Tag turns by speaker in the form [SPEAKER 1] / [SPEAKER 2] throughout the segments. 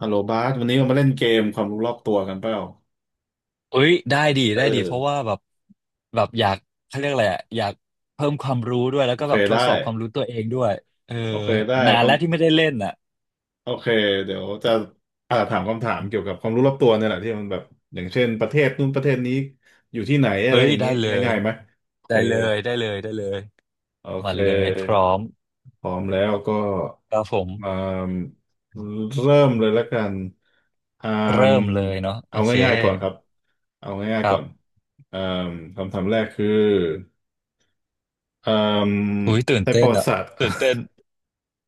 [SPEAKER 1] ฮัลโหลบาสวันนี้เรามาเล่นเกมความรู้รอบตัวกันเปล่า
[SPEAKER 2] เอ้ยได้ดี
[SPEAKER 1] เอ
[SPEAKER 2] ได้ดีเพราะว่า
[SPEAKER 1] อ
[SPEAKER 2] แบบอยากเขาเรียกอะไรอะอยากเพิ่มความรู้ด้วยแล้ว
[SPEAKER 1] โอ
[SPEAKER 2] ก็
[SPEAKER 1] เค
[SPEAKER 2] แบบทด
[SPEAKER 1] ได้
[SPEAKER 2] สอบความรู้ตัวเองด้วยเออ
[SPEAKER 1] โอเคได้
[SPEAKER 2] นาน
[SPEAKER 1] ค
[SPEAKER 2] แล้วที่ไม่ได้เล่นอ่ะ
[SPEAKER 1] ำโอเคเดี๋ยวจะถามคำถามเกี่ยวกับความรู้รอบตัวเนี่ยแหละที่มันแบบอย่างเช่นประเทศนู้นประเทศนี้อยู่ที่ไหนอะไร
[SPEAKER 2] เอ้ย
[SPEAKER 1] อย่างนี้
[SPEAKER 2] ได้เลย
[SPEAKER 1] ง่ายๆไหมโอ
[SPEAKER 2] ได้
[SPEAKER 1] เค
[SPEAKER 2] เลยได้เลยได้เลย
[SPEAKER 1] โอ
[SPEAKER 2] มา
[SPEAKER 1] เค
[SPEAKER 2] เลยพร้อม
[SPEAKER 1] พร้อมแล้วก็
[SPEAKER 2] ครับผม
[SPEAKER 1] มาเริ่มเลยแล้วกันอ่าม
[SPEAKER 2] เริ่มเลยเนาะโอ
[SPEAKER 1] เอา
[SPEAKER 2] เค
[SPEAKER 1] ง่ายๆก่อนครับเอาง่า
[SPEAKER 2] ค
[SPEAKER 1] ยๆ
[SPEAKER 2] รั
[SPEAKER 1] ก่อน
[SPEAKER 2] บ
[SPEAKER 1] อ่ามคำถามแรกคือ เอ่อ
[SPEAKER 2] อุ้ยตื่น
[SPEAKER 1] ในป
[SPEAKER 2] เต้
[SPEAKER 1] ระ
[SPEAKER 2] น
[SPEAKER 1] วัติ
[SPEAKER 2] อ่ะ
[SPEAKER 1] ศาสตร์
[SPEAKER 2] ตื่นเต้น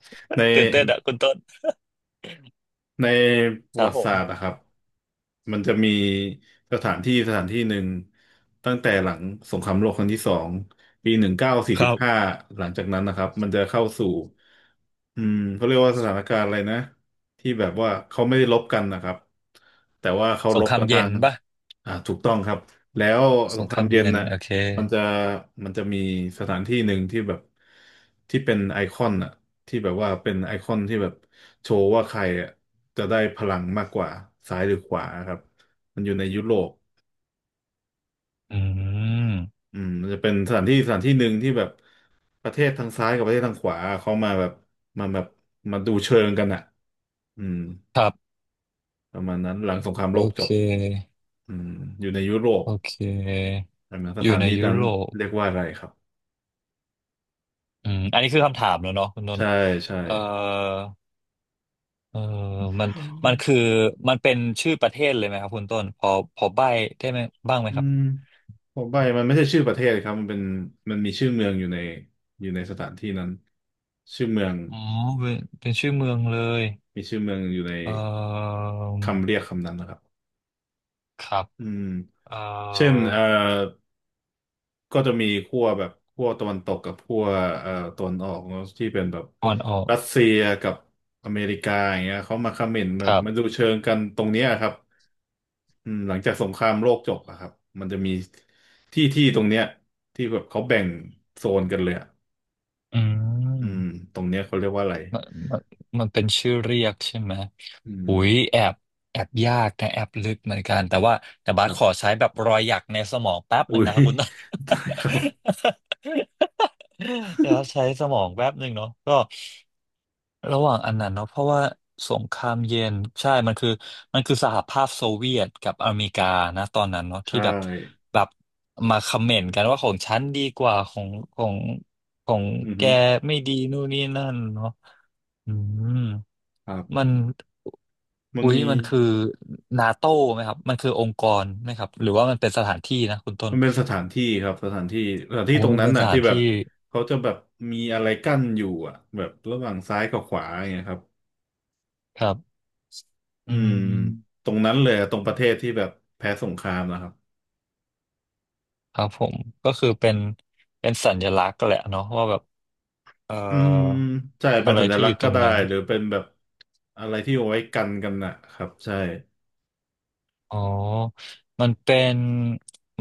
[SPEAKER 1] ใน
[SPEAKER 2] ตื่นเต้นอ่ะคุณต้น
[SPEAKER 1] ในป
[SPEAKER 2] ค
[SPEAKER 1] ระ
[SPEAKER 2] รั
[SPEAKER 1] วั
[SPEAKER 2] บผ
[SPEAKER 1] ติศา
[SPEAKER 2] ม
[SPEAKER 1] สตร์นะครับมันจะมีสถานที่สถานที่หนึ่งตั้งแต่หลังสงครามโลกครั้งที่สองปีหนึ่งเก้าสี่
[SPEAKER 2] ค
[SPEAKER 1] สิบ
[SPEAKER 2] รับ
[SPEAKER 1] ห้าหลังจากนั้นนะครับมันจะเข้าสู่อืมเขาเรียกว่าสถานการณ์อะไรนะที่แบบว่าเขาไม่ได้รบกันนะครับแต่ว่าเขา
[SPEAKER 2] ส
[SPEAKER 1] ร
[SPEAKER 2] ง
[SPEAKER 1] บ
[SPEAKER 2] ครา
[SPEAKER 1] กั
[SPEAKER 2] ม
[SPEAKER 1] นทา
[SPEAKER 2] เย็น
[SPEAKER 1] ง
[SPEAKER 2] ปะ
[SPEAKER 1] ถูกต้องครับแล้ว
[SPEAKER 2] ส
[SPEAKER 1] สง
[SPEAKER 2] ง
[SPEAKER 1] ค
[SPEAKER 2] ค
[SPEAKER 1] รา
[SPEAKER 2] รา
[SPEAKER 1] ม
[SPEAKER 2] ม
[SPEAKER 1] เย็
[SPEAKER 2] เย็
[SPEAKER 1] น
[SPEAKER 2] น
[SPEAKER 1] น่ะ
[SPEAKER 2] โอเค
[SPEAKER 1] มันจะมันจะมีสถานที่หนึ่งที่แบบที่เป็นไอคอนน่ะ ที่แบบว่าเป็นไอคอนที่แบบโชว์ว่าใครอะจะได้พลังมากกว่าซ้ายหรือขวาครับมันอยู่ในยุโรป
[SPEAKER 2] อืม
[SPEAKER 1] อืมมันจะเป็นสถานที่สถานที่หนึ่งที่แบบประเทศทางซ้ายกับประเทศทางขวาเขามาแบบมาดูเชิงกันอ่ะอืม
[SPEAKER 2] ครับ
[SPEAKER 1] ประมาณนั้นหลังสงคราม
[SPEAKER 2] โอ
[SPEAKER 1] โลกจ
[SPEAKER 2] เค
[SPEAKER 1] บอืมอยู่ในยุโรป
[SPEAKER 2] โอเค
[SPEAKER 1] ใช่ไหมส
[SPEAKER 2] อ
[SPEAKER 1] ถา
[SPEAKER 2] ยู่
[SPEAKER 1] น
[SPEAKER 2] ใน
[SPEAKER 1] ที่
[SPEAKER 2] ยุ
[SPEAKER 1] นั้น
[SPEAKER 2] โรป
[SPEAKER 1] เรียกว่าอะไรครับ
[SPEAKER 2] อืมอันนี้คือคำถามแล้วเนาะคุณนน
[SPEAKER 1] ใช่
[SPEAKER 2] ท์
[SPEAKER 1] ใช่
[SPEAKER 2] เออเออมันมันคือมันเป็นชื่อประเทศเลยไหมครับคุณต้นพอใบ้ได้ไหมบ้างไหม
[SPEAKER 1] อื
[SPEAKER 2] ครับ
[SPEAKER 1] มผมไปมันไม่ใช่ชื่อประเทศครับมันเป็นมันมีชื่อเมืองอยู่ในสถานที่นั้นชื่อเมือง
[SPEAKER 2] อ๋อเป็นชื่อเมืองเลย
[SPEAKER 1] มีชื่อเมืองอยู่ใน
[SPEAKER 2] เออ
[SPEAKER 1] คำเรียกคำนั้นนะครับ
[SPEAKER 2] ครับ
[SPEAKER 1] อืม
[SPEAKER 2] เอ
[SPEAKER 1] เช่น
[SPEAKER 2] อ
[SPEAKER 1] ก็จะมีขั้วแบบขั้วตะวันตกกับขั้วตะวันออกเนอะที่เป็นแบบ
[SPEAKER 2] ตะวันออก
[SPEAKER 1] รัสเซียกับอเมริกาอย่างเงี้ยเขามาคอมเมนต์แบ
[SPEAKER 2] ค
[SPEAKER 1] บ
[SPEAKER 2] รับ
[SPEAKER 1] มาดูเชิงกันตรงเนี้ยครับอืมหลังจากสงครามโลกจบอะครับมันจะมีที่ที่ตรงเนี้ยที่แบบเขาแบ่งโซนกันเลยอะ
[SPEAKER 2] อื
[SPEAKER 1] อืม
[SPEAKER 2] ม
[SPEAKER 1] ตรงเนี้ยเขาเรียกว่าอะไร
[SPEAKER 2] มันมันมันเป็นชื่อเรียกใช่ไหม
[SPEAKER 1] อื
[SPEAKER 2] หุย
[SPEAKER 1] ม
[SPEAKER 2] แอบแอบยากนะแอบลึกเหมือนกันแต่ว่าแต่
[SPEAKER 1] ค
[SPEAKER 2] บาส
[SPEAKER 1] รั
[SPEAKER 2] ขอ
[SPEAKER 1] บ
[SPEAKER 2] ใช้แบบรอยหยักในสมองแป๊บห
[SPEAKER 1] อุ้
[SPEAKER 2] นึ่ง
[SPEAKER 1] ย
[SPEAKER 2] นะครับคุณ ต้น
[SPEAKER 1] ได้ครับ
[SPEAKER 2] เดี๋ยวใช้สมองแป๊บหนึ่งเนาะก็ระหว่างอันนั้นเนาะเพราะว่าสงครามเย็นใช่มันคือมันคือสหภาพโซเวียตกับอเมริกานะตอนนั้นเนาะที่
[SPEAKER 1] ใช่
[SPEAKER 2] แบบแบบมาคอมเมนต์กันว่าของฉันดีกว่าของของของ
[SPEAKER 1] อือ
[SPEAKER 2] แก
[SPEAKER 1] ฮึ
[SPEAKER 2] ไม่ดีนู่นนี่นั่นเนาะอืม
[SPEAKER 1] ครั
[SPEAKER 2] มั
[SPEAKER 1] บ
[SPEAKER 2] น
[SPEAKER 1] มัน
[SPEAKER 2] อุ๊ย
[SPEAKER 1] มี
[SPEAKER 2] มันคือนาโต้ไหมครับมันคือองค์กรไหมครับ หรือว่ามันเป็นสถานที่นะคุณต้น
[SPEAKER 1] มันเป็นสถานที่ครับสถานที่สถานที่
[SPEAKER 2] โอ้
[SPEAKER 1] ตรง
[SPEAKER 2] มัน
[SPEAKER 1] นั้น
[SPEAKER 2] เป็นส
[SPEAKER 1] น่ะ
[SPEAKER 2] ถา
[SPEAKER 1] ที่
[SPEAKER 2] น
[SPEAKER 1] แบบ
[SPEAKER 2] ที่
[SPEAKER 1] เขาจะแบบมีอะไรกั้นอยู่อ่ะแบบระหว่างซ้ายกับขวาอย่างเงี้ยครับ
[SPEAKER 2] ครับอื
[SPEAKER 1] อืม
[SPEAKER 2] ม
[SPEAKER 1] ตรงนั้นเลยอะตรงประเทศที่แบบแพ้สงครามนะครับ
[SPEAKER 2] ครับผมก็คือเป็นเป็นสัญลักษณ์แหละเนาะว่าแบบเอ่อ
[SPEAKER 1] อืมใช่เป็
[SPEAKER 2] อะ
[SPEAKER 1] น
[SPEAKER 2] ไร
[SPEAKER 1] สัญ
[SPEAKER 2] ที่
[SPEAKER 1] ลั
[SPEAKER 2] อ
[SPEAKER 1] กษ
[SPEAKER 2] ยู่
[SPEAKER 1] ณ์
[SPEAKER 2] ต
[SPEAKER 1] ก็
[SPEAKER 2] รง
[SPEAKER 1] ได้
[SPEAKER 2] นั้น
[SPEAKER 1] หรือเป็นแบบอะไรที่เอาไว้กันน่ะครับใช่
[SPEAKER 2] อ๋อมันเป็น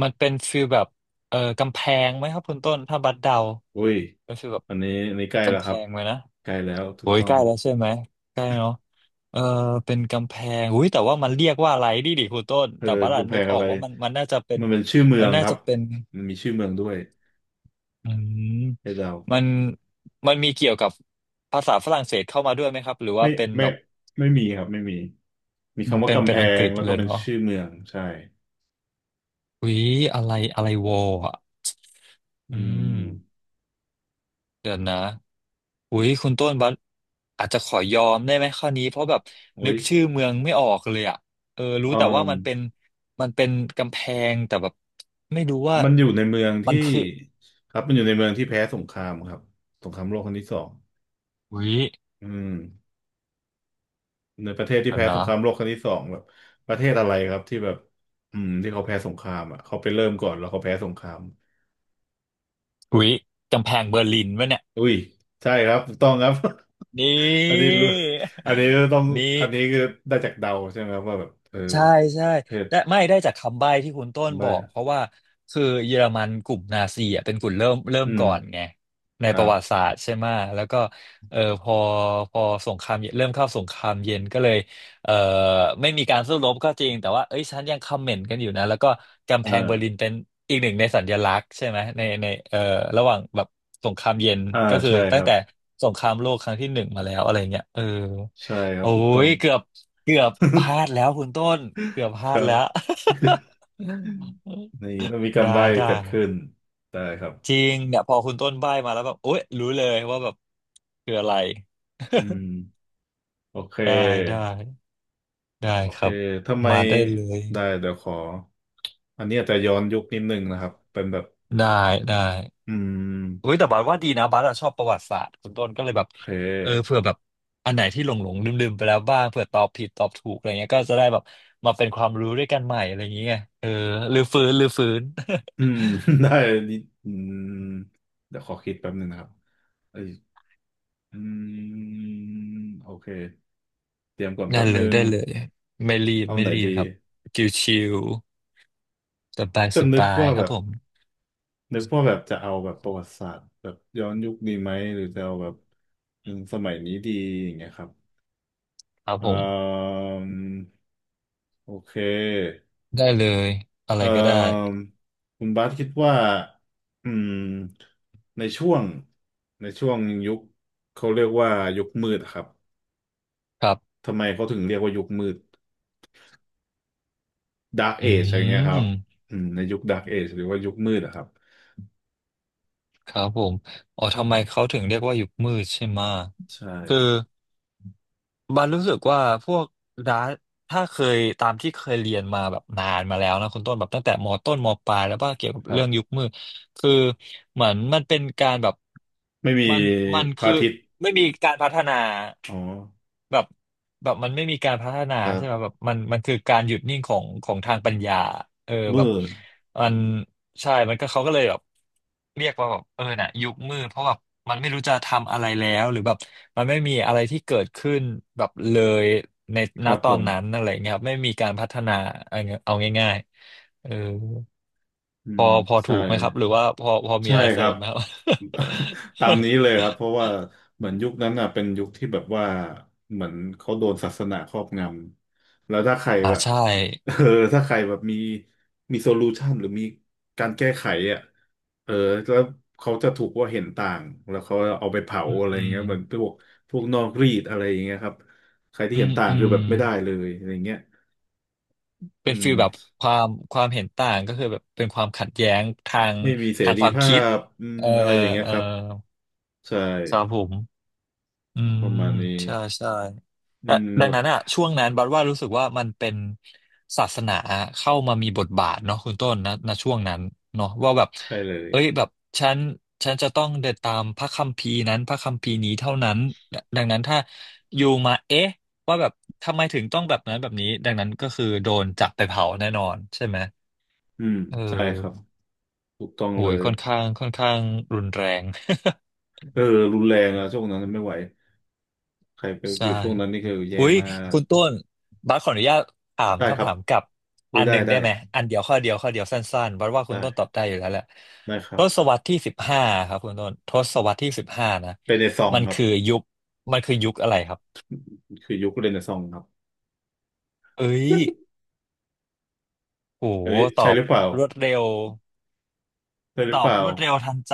[SPEAKER 2] มันเป็นฟีลแบบกำแพงไหมครับคุณต้น ถ้าบัดเดา
[SPEAKER 1] อุ้ย
[SPEAKER 2] เป็นฟีลแบบ
[SPEAKER 1] อันนี้ใกล้แล้
[SPEAKER 2] กำ
[SPEAKER 1] ว
[SPEAKER 2] แพ
[SPEAKER 1] ครับ
[SPEAKER 2] งไหมนะ
[SPEAKER 1] ใกล้แล้วถู
[SPEAKER 2] โอ้
[SPEAKER 1] ก
[SPEAKER 2] ย
[SPEAKER 1] ต้อง
[SPEAKER 2] ใกล้
[SPEAKER 1] ครับ
[SPEAKER 2] แล้วใช่ไหมใกล้เนาะเออเป็นกำแพงอุ้ยแต่ว่ามันเรียกว่าอะไรดิคุณต้น
[SPEAKER 1] เออ
[SPEAKER 2] แต่บัด
[SPEAKER 1] กำแพ
[SPEAKER 2] นึก
[SPEAKER 1] ง
[SPEAKER 2] อ
[SPEAKER 1] อะ
[SPEAKER 2] อ
[SPEAKER 1] ไร
[SPEAKER 2] กว่ามันน่าจะเป็น
[SPEAKER 1] มันเป็นชื่อเมือ
[SPEAKER 2] มัน
[SPEAKER 1] ง
[SPEAKER 2] น่า
[SPEAKER 1] ครับ
[SPEAKER 2] จะเป็น
[SPEAKER 1] มันมีชื่อเมืองด้วย
[SPEAKER 2] อืม
[SPEAKER 1] ให้เดา
[SPEAKER 2] มันมันมีเกี่ยวกับภาษาฝรั่งเศสเข้ามาด้วยไหมครับหรือ
[SPEAKER 1] ไม่
[SPEAKER 2] ว่าเป็น
[SPEAKER 1] ไม่
[SPEAKER 2] แบบ
[SPEAKER 1] ไม่มีครับไม่มีมี
[SPEAKER 2] อืม
[SPEAKER 1] คำว่า
[SPEAKER 2] เป็น
[SPEAKER 1] กำ
[SPEAKER 2] เป็
[SPEAKER 1] แพ
[SPEAKER 2] นอังก
[SPEAKER 1] ง
[SPEAKER 2] ฤษ
[SPEAKER 1] แล้ว
[SPEAKER 2] เล
[SPEAKER 1] ก็
[SPEAKER 2] ย
[SPEAKER 1] เป็น
[SPEAKER 2] เนาะ
[SPEAKER 1] ชื่อเมืองใช่
[SPEAKER 2] อุ้ยอะไรอะไรวอลอ่ะอื
[SPEAKER 1] อื
[SPEAKER 2] ม
[SPEAKER 1] ม
[SPEAKER 2] เดี๋ยวนะอุ้ยคุณต้นบัสอาจจะขอยอมได้ไหมข้อนี้เพราะแบบนึ
[SPEAKER 1] โอ้ย
[SPEAKER 2] กชื่อเมืองไม่ออกเลยอ่ะเออรู้
[SPEAKER 1] เอ่อ
[SPEAKER 2] แต่ว่ามันเป็นมันเป็นกำแพงแต่แบบไม่รู้ว่า
[SPEAKER 1] มันอยู่ในเมือง
[SPEAKER 2] มัน
[SPEAKER 1] ที่
[SPEAKER 2] คือ
[SPEAKER 1] ครับมันอยู่ในเมืองที่แพ้สงครามครับสงครามโลกครั้งที่สอง
[SPEAKER 2] อุ้ย
[SPEAKER 1] อืมในประเทศที่
[SPEAKER 2] เดี๋ยว
[SPEAKER 1] แพ้ส
[SPEAKER 2] นะ
[SPEAKER 1] งครามโลกครั้งที่สองแบบประเทศอะไรครับที่แบบอืมที่เขาแพ้สงครามอ่ะเขาไปเริ่มก่อนแล้วเขาแพ้สงคราม
[SPEAKER 2] อุ้ยกำแพงเบอร์ลินวะเนี่ย
[SPEAKER 1] อุ้ยใช่ครับถูกต้องครับ
[SPEAKER 2] น
[SPEAKER 1] อัน
[SPEAKER 2] ี่
[SPEAKER 1] นี้รู้อันนี้ต้อง
[SPEAKER 2] นี่
[SPEAKER 1] อันนี้คือได้จากเดาใช่ไหมครับว่าแบบเออ
[SPEAKER 2] ใช่ใช่
[SPEAKER 1] ประเทศ
[SPEAKER 2] ได้ไม่ได้จากคำใบ้ที่คุณต้นบ
[SPEAKER 1] ได้
[SPEAKER 2] อกเพราะว่าคือเยอรมันกลุ่มนาซีอ่ะเป็นกลุ่มเริ่ม
[SPEAKER 1] อื
[SPEAKER 2] ก่
[SPEAKER 1] ม
[SPEAKER 2] อนไงใน
[SPEAKER 1] ค
[SPEAKER 2] ป
[SPEAKER 1] รั
[SPEAKER 2] ระ
[SPEAKER 1] บ
[SPEAKER 2] วัติศาสตร์ใช่ไหมแล้วก็เออพอสงครามเย็นเริ่มเข้าสงครามเย็นก็เลยเออไม่มีการสู้รบก็จริงแต่ว่าเอ้ยฉันยังคอมเมนต์กันอยู่นะแล้วก็กำ
[SPEAKER 1] อ่
[SPEAKER 2] แพงเบอร์ลิน
[SPEAKER 1] า
[SPEAKER 2] เป็นอีกหนึ่งในสัญลักษณ์ใช่ไหมในเออระหว่างแบบสงครามเย็น
[SPEAKER 1] อ่า
[SPEAKER 2] ก็คือ
[SPEAKER 1] ใช่ค
[SPEAKER 2] ตั้ง
[SPEAKER 1] รับ
[SPEAKER 2] แต่สงครามโลกครั้งที่หนึ่งมาแล้วอะไรเงี้ยเออ
[SPEAKER 1] ใช่ครับ
[SPEAKER 2] โอ้
[SPEAKER 1] ถูกต้อ
[SPEAKER 2] ย
[SPEAKER 1] ง
[SPEAKER 2] เกือบพลาดแล้วคุณต้นเกือบพ
[SPEAKER 1] ค
[SPEAKER 2] ลาด
[SPEAKER 1] รั
[SPEAKER 2] แล้ว
[SPEAKER 1] บอืมนี่ต้องมี การ
[SPEAKER 2] ได้
[SPEAKER 1] ใบ้น
[SPEAKER 2] ได้
[SPEAKER 1] เกิดขึ้นได้ครับ
[SPEAKER 2] จริงเนี่ยพอคุณต้นใบ้มาแล้วแบบโอ๊ยรู้เลยว่าแบบคืออะไร
[SPEAKER 1] อื มโอเค
[SPEAKER 2] ได้ได้ได้
[SPEAKER 1] โอ
[SPEAKER 2] ค
[SPEAKER 1] เค
[SPEAKER 2] รับ
[SPEAKER 1] ทำไม
[SPEAKER 2] มาได้เลย
[SPEAKER 1] ได้เดี๋ยวขออันนี้อาจจะย้อนยุคนิดนึงนะครับเป็นแบบ
[SPEAKER 2] ได้ได้
[SPEAKER 1] อื
[SPEAKER 2] เฮ้ย
[SPEAKER 1] ม
[SPEAKER 2] แต่บัสว่าดีนะบัสอะชอบประวัติศาสตร์คุณต้นก็เลยแบบ
[SPEAKER 1] โอเ
[SPEAKER 2] เออ
[SPEAKER 1] ค
[SPEAKER 2] เผื่อแบบอันไหนที่หลงหลงลืมลืมๆไปแล้วบ้างเผื่อตอบผิดตอบถูกอะไรเงี้ยก็จะได้แบบมาเป็นความรู้ด้วยกันใหม่อะไรอย่างเงี้ยเออรื้อฟื้นรื้อฟื้น
[SPEAKER 1] อืม ได้นิดอืมเดี๋ยวขอคิดแป๊บหนึงนะครับเอ้ยอืมโอเคเตรียมก่อน
[SPEAKER 2] ได้
[SPEAKER 1] แป๊บ
[SPEAKER 2] เล
[SPEAKER 1] หนึ
[SPEAKER 2] ย
[SPEAKER 1] ง
[SPEAKER 2] ได้เลยไม่รีบ
[SPEAKER 1] เอา
[SPEAKER 2] ไม่
[SPEAKER 1] ไหน
[SPEAKER 2] รีบ
[SPEAKER 1] ดี
[SPEAKER 2] ครับชิวๆสบาย
[SPEAKER 1] จะ
[SPEAKER 2] ส
[SPEAKER 1] นึก
[SPEAKER 2] บาย
[SPEAKER 1] ว่า
[SPEAKER 2] ค
[SPEAKER 1] แบ
[SPEAKER 2] รับ
[SPEAKER 1] บ
[SPEAKER 2] ผม
[SPEAKER 1] จะเอาแบบประวัติศาสตร์แบบย้อนยุคดีไหมหรือจะเอาแบบ
[SPEAKER 2] อื
[SPEAKER 1] ถึง
[SPEAKER 2] ม
[SPEAKER 1] สมัยนี้ดีอย่างเงี้ยครับ
[SPEAKER 2] ครับผ
[SPEAKER 1] เอ่
[SPEAKER 2] ม
[SPEAKER 1] มโอเค
[SPEAKER 2] ได้เลยอะไร
[SPEAKER 1] เอ่
[SPEAKER 2] ก็ได้
[SPEAKER 1] มคุณบาสคิดว่าอืมในช่วงในช่วงยุคเขาเรียกว่ายุคมืดอะครับ
[SPEAKER 2] ครับ
[SPEAKER 1] ทำไมเขาถึงเรียกว่ายุคมืด Dark
[SPEAKER 2] อื
[SPEAKER 1] Age อะไรเงี้ยครับ
[SPEAKER 2] ม
[SPEAKER 1] อืมในยุค Dark Age หรือว่ายุคมืดอะครับ
[SPEAKER 2] ครับผมอ๋อทำไมเขาถึงเรียกว่ายุคมืดใช่ไหมะ
[SPEAKER 1] ใช่
[SPEAKER 2] คือ บันรู้สึกว่าพวกดาร์ถ้าเคยตามที่เคยเรียนมาแบบนานมาแล้วนะคุณต้นแบบตั้งแต่มต้นมปลายแล้วว่าเกี่ยวกับ
[SPEAKER 1] ครับ
[SPEAKER 2] เรื่องยุคมืดคือเหมือนมันเป็นการแบบ
[SPEAKER 1] ไม่มี
[SPEAKER 2] มันมัน
[SPEAKER 1] พระ
[SPEAKER 2] คือ
[SPEAKER 1] อาทิตย์
[SPEAKER 2] ไม่มีการพัฒนา
[SPEAKER 1] อ๋อ
[SPEAKER 2] แบบแบบมันไม่มีการพัฒนา
[SPEAKER 1] ครั
[SPEAKER 2] ใช่ไหม
[SPEAKER 1] บ
[SPEAKER 2] แบบมันคือการหยุดนิ่งของของทางปัญญาเออแบ
[SPEAKER 1] มื
[SPEAKER 2] บ
[SPEAKER 1] ด
[SPEAKER 2] มันใช่ มันก็เขาก็เลยแบบเรียกว่าแบบเออน่ะยุคมืดเพราะแบบมันไม่รู้จะทำอะไรแล้วหรือแบบมันไม่มีอะไรที่เกิดขึ้นแบบเลยใน
[SPEAKER 1] ค
[SPEAKER 2] ณ
[SPEAKER 1] รับ
[SPEAKER 2] ต
[SPEAKER 1] ผ
[SPEAKER 2] อน
[SPEAKER 1] ม
[SPEAKER 2] นั้นอะไรเงี้ยครับไม่มีการพัฒนาเอาเอาง่ายๆเออ
[SPEAKER 1] อื
[SPEAKER 2] พอ
[SPEAKER 1] ม
[SPEAKER 2] พอถู
[SPEAKER 1] ใช่
[SPEAKER 2] กไหมครับหรือว่าพอมี
[SPEAKER 1] ใช่
[SPEAKER 2] อะไร
[SPEAKER 1] ค
[SPEAKER 2] เสริ
[SPEAKER 1] รับ
[SPEAKER 2] มไหมครับ
[SPEAKER 1] ตามนี้เลยครับเพราะว่าเหมือนยุคนั้นอ่ะเป็นยุคที่แบบว่าเหมือนเขาโดนศาสนาครอบงำแล้วถ้าใคร
[SPEAKER 2] อ่า
[SPEAKER 1] แบบ
[SPEAKER 2] ใช่
[SPEAKER 1] เออถ้าใครแบบมีโซลูชันหรือมีการแก้ไขอ่ะเออแล้วเขาจะถูกว่าเห็นต่างแล้วเขาเอาไปเผา
[SPEAKER 2] อื
[SPEAKER 1] อะไรอย่างเงี้
[SPEAKER 2] ม
[SPEAKER 1] ยเหมือนพวกพวกนอกรีดอะไรอย่างเงี้ยครับใครที่
[SPEAKER 2] อื
[SPEAKER 1] เห็น
[SPEAKER 2] ม
[SPEAKER 1] ต่าง
[SPEAKER 2] อื
[SPEAKER 1] คือ
[SPEAKER 2] ม
[SPEAKER 1] แบบไม่ได้เลยอะไรอย่างเงี้ยอื
[SPEAKER 2] เป็นฟี
[SPEAKER 1] ม
[SPEAKER 2] ลแบบความเห็นต่างก็คือแบบเป็นความขัดแย้งทาง
[SPEAKER 1] ไม่มีเส
[SPEAKER 2] ทาง
[SPEAKER 1] รี
[SPEAKER 2] ความ
[SPEAKER 1] ภา
[SPEAKER 2] คิด
[SPEAKER 1] พอืม
[SPEAKER 2] เออ
[SPEAKER 1] อะไรอย่างเงี้ย
[SPEAKER 2] เออ
[SPEAKER 1] ครับใช่
[SPEAKER 2] สำหรับผมอื
[SPEAKER 1] ป
[SPEAKER 2] ม
[SPEAKER 1] ระมาณนี้
[SPEAKER 2] ใช่ใช่
[SPEAKER 1] อื
[SPEAKER 2] และ
[SPEAKER 1] ม
[SPEAKER 2] ดั
[SPEAKER 1] แบ
[SPEAKER 2] ง
[SPEAKER 1] บ
[SPEAKER 2] นั้นอ่ะช่วงนั้นบัดว่ารู้สึกว่ามันเป็นศาสนาเข้ามามีบทบาทเนาะคุณต้นนะณช่วงนั้นเนาะว่าแบบ
[SPEAKER 1] ใช่เลย
[SPEAKER 2] เอ้ยแบบฉันฉันจะต้องเดินตามพระคัมภีร์นั้นพระคัมภีร์นี้เท่านั้นดังนั้นถ้าอยู่มาเอ๊ะว่าแบบทำไมถึงต้องแบบนั้นแบบนี้ดังนั้นก็คือโดนจับไปเผาแน่นอนใช่ไหม
[SPEAKER 1] อืม
[SPEAKER 2] เอ
[SPEAKER 1] ใช่ครับ
[SPEAKER 2] อ
[SPEAKER 1] ถูกต้อง
[SPEAKER 2] โห
[SPEAKER 1] เล
[SPEAKER 2] ย
[SPEAKER 1] ย
[SPEAKER 2] ค่อนข้างรุนแรง
[SPEAKER 1] เออรุนแรงอะช่วงนั้นไม่ไหวใครไป
[SPEAKER 2] ใช่
[SPEAKER 1] อยู่ช่วงนั้นนี่คือแย่
[SPEAKER 2] อุ้ย
[SPEAKER 1] มาก
[SPEAKER 2] คุณต้นบัสขออนุญาตถาม
[SPEAKER 1] ได้ค
[SPEAKER 2] คำ
[SPEAKER 1] รับ
[SPEAKER 2] ถามกลับ
[SPEAKER 1] อุ้
[SPEAKER 2] อั
[SPEAKER 1] ย
[SPEAKER 2] นห
[SPEAKER 1] ได้
[SPEAKER 2] นึ่งได้
[SPEAKER 1] ได้
[SPEAKER 2] ไหมอันเดียวข้อเดียวข้อเดียวสั้นๆบัสว่าคุณต้นตอ
[SPEAKER 1] ได้
[SPEAKER 2] บได้อยู่แล้วแหละ
[SPEAKER 1] ได้ครั
[SPEAKER 2] ท
[SPEAKER 1] บ
[SPEAKER 2] ศวรรษที่สิบห้าครับคุณต้นทศวรรษที่สิบห้านะ
[SPEAKER 1] เป็นในซอง
[SPEAKER 2] มัน
[SPEAKER 1] ครับ
[SPEAKER 2] คือยุคมันคือยุคอะไรครับ
[SPEAKER 1] คือยุคเรนในซองครับ
[SPEAKER 2] เอ้ย โห
[SPEAKER 1] เอ้ย
[SPEAKER 2] ต
[SPEAKER 1] ใช่
[SPEAKER 2] อ
[SPEAKER 1] ห
[SPEAKER 2] บ
[SPEAKER 1] รือเปล่า
[SPEAKER 2] รวดเร็ว
[SPEAKER 1] ใช่ห
[SPEAKER 2] ต
[SPEAKER 1] รือ
[SPEAKER 2] อ
[SPEAKER 1] เป
[SPEAKER 2] บ
[SPEAKER 1] ล่า
[SPEAKER 2] รวดเร็วทันใจ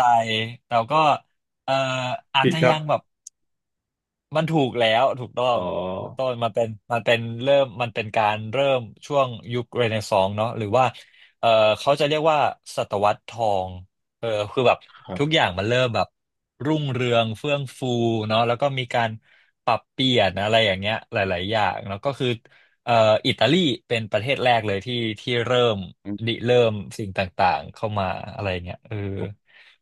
[SPEAKER 2] แล้วก็เอ่ออาจ
[SPEAKER 1] ผิด
[SPEAKER 2] จะ
[SPEAKER 1] ครั
[SPEAKER 2] ยั
[SPEAKER 1] บ
[SPEAKER 2] งแบบ มันถูกแล้วถูกต้อ
[SPEAKER 1] อ๋
[SPEAKER 2] ง
[SPEAKER 1] อ
[SPEAKER 2] คุณต้นมันเป็นเริ่มมันเป็นการเริ่มช่วงยุคเรเนซองส์เนาะหรือว่าเออเขาจะเรียกว่าศตวรรษทองเออคือแบบ
[SPEAKER 1] ครับ
[SPEAKER 2] ทุกอย่างมันเริ่มแบบรุ่งเรืองเฟื่องฟูเนาะแล้วก็มีการปรับเปลี่ยนอะไรอย่างเงี้ยหลายๆอย่างแล้วก็คือเอ่ออิตาลีเป็นประเทศแรกเลยที่ที่เริ่ม
[SPEAKER 1] อืม
[SPEAKER 2] ริเริ่มสิ่งต่างๆเข้ามาอะไรเงี้ยเออ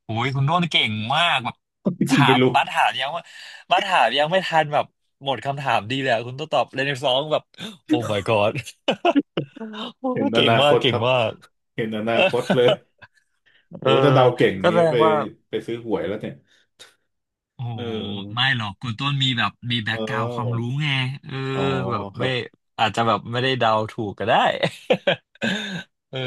[SPEAKER 2] โอ้ยคุณโน้นเก่งมาก
[SPEAKER 1] จริง
[SPEAKER 2] ถา
[SPEAKER 1] ไม่
[SPEAKER 2] ม
[SPEAKER 1] รู้
[SPEAKER 2] บัสถามยังว่าบัสถามยังไม่ทันแบบหมดคำถามดีเลยอะคุณต้องตอบเรเนซองแบบโอ้ my god โอ้
[SPEAKER 1] เห็นอ
[SPEAKER 2] เก่ง
[SPEAKER 1] นาค
[SPEAKER 2] มาก
[SPEAKER 1] ต
[SPEAKER 2] เก่
[SPEAKER 1] ค
[SPEAKER 2] ง
[SPEAKER 1] รับ
[SPEAKER 2] มาก
[SPEAKER 1] เห็นอนาคตเลย
[SPEAKER 2] เอ
[SPEAKER 1] โอ้
[SPEAKER 2] อ
[SPEAKER 1] ยถ้าเดาเก่ง
[SPEAKER 2] ก็
[SPEAKER 1] งี้
[SPEAKER 2] แสด
[SPEAKER 1] ไป
[SPEAKER 2] งว่า
[SPEAKER 1] ไปซื้อหวยแล้วเนี่ย
[SPEAKER 2] โอ้
[SPEAKER 1] เอ
[SPEAKER 2] โหไม่
[SPEAKER 1] อ
[SPEAKER 2] หรอกคุณต้นมีแบบมี
[SPEAKER 1] เ
[SPEAKER 2] แบ็กกราวด์ความ
[SPEAKER 1] ออ
[SPEAKER 2] รู้ไงเออ
[SPEAKER 1] อ๋อ
[SPEAKER 2] แบบ
[SPEAKER 1] ครั
[SPEAKER 2] ไม่
[SPEAKER 1] บ
[SPEAKER 2] อาจจะแบบไม่ได้เดาถูกก็ได้ เออ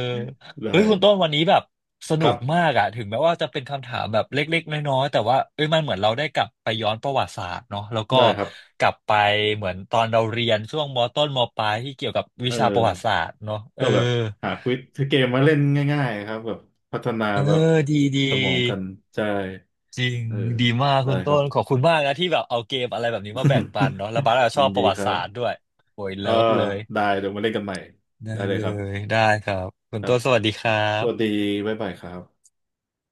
[SPEAKER 1] ได้
[SPEAKER 2] เฮ้ยคุณต้นวันนี้แบบส
[SPEAKER 1] ค
[SPEAKER 2] นุ
[SPEAKER 1] รั
[SPEAKER 2] ก
[SPEAKER 1] บ
[SPEAKER 2] มากอะถึงแม้ว่าจะเป็นคำถามแบบเล็กๆน้อยๆแต่ว่าเอ้ยมันเหมือนเราได้กลับไปย้อนประวัติศาสตร์เนาะแล้วก็
[SPEAKER 1] ได้ครับ
[SPEAKER 2] กลับไปเหมือนตอนเราเรียนช่วงมต้นมปลายที่เกี่ยวกับวิ
[SPEAKER 1] เออ
[SPEAKER 2] ชาประวัติศาสตร์เนาะเอ
[SPEAKER 1] ก็
[SPEAKER 2] อ
[SPEAKER 1] แบบหาควิดเกมมาเล่นง่ายๆครับแบบพัฒนา
[SPEAKER 2] เออ
[SPEAKER 1] แบบ
[SPEAKER 2] ดีดี
[SPEAKER 1] สมองกันใช่
[SPEAKER 2] จริง
[SPEAKER 1] เออ
[SPEAKER 2] ดีมาก
[SPEAKER 1] ได้
[SPEAKER 2] คุณ
[SPEAKER 1] ค
[SPEAKER 2] ต้
[SPEAKER 1] รับ
[SPEAKER 2] นขอบคุณมากนะที่แบบเอาเกมอะไรแบบนี้มาแบ่งปันเนาะแล้วบาร์ก็ ช
[SPEAKER 1] ยิ
[SPEAKER 2] อ
[SPEAKER 1] น
[SPEAKER 2] บป
[SPEAKER 1] ดี
[SPEAKER 2] ระวั
[SPEAKER 1] ค
[SPEAKER 2] ติ
[SPEAKER 1] รั
[SPEAKER 2] ศาสตร์ด้
[SPEAKER 1] บ
[SPEAKER 2] วยโอ้ย
[SPEAKER 1] เออ
[SPEAKER 2] เลิฟเลย
[SPEAKER 1] ได้เดี๋ยวมาเล่นกันใหม่
[SPEAKER 2] ได้
[SPEAKER 1] ได้เลย
[SPEAKER 2] เล
[SPEAKER 1] ครับ
[SPEAKER 2] ยได้ครับคุณ
[SPEAKER 1] ครับ
[SPEAKER 2] ต้นสวัสดีครั
[SPEAKER 1] สวัส
[SPEAKER 2] บ
[SPEAKER 1] ดีบ๊ายบายครับ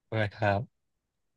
[SPEAKER 2] บ๊ายบายครับ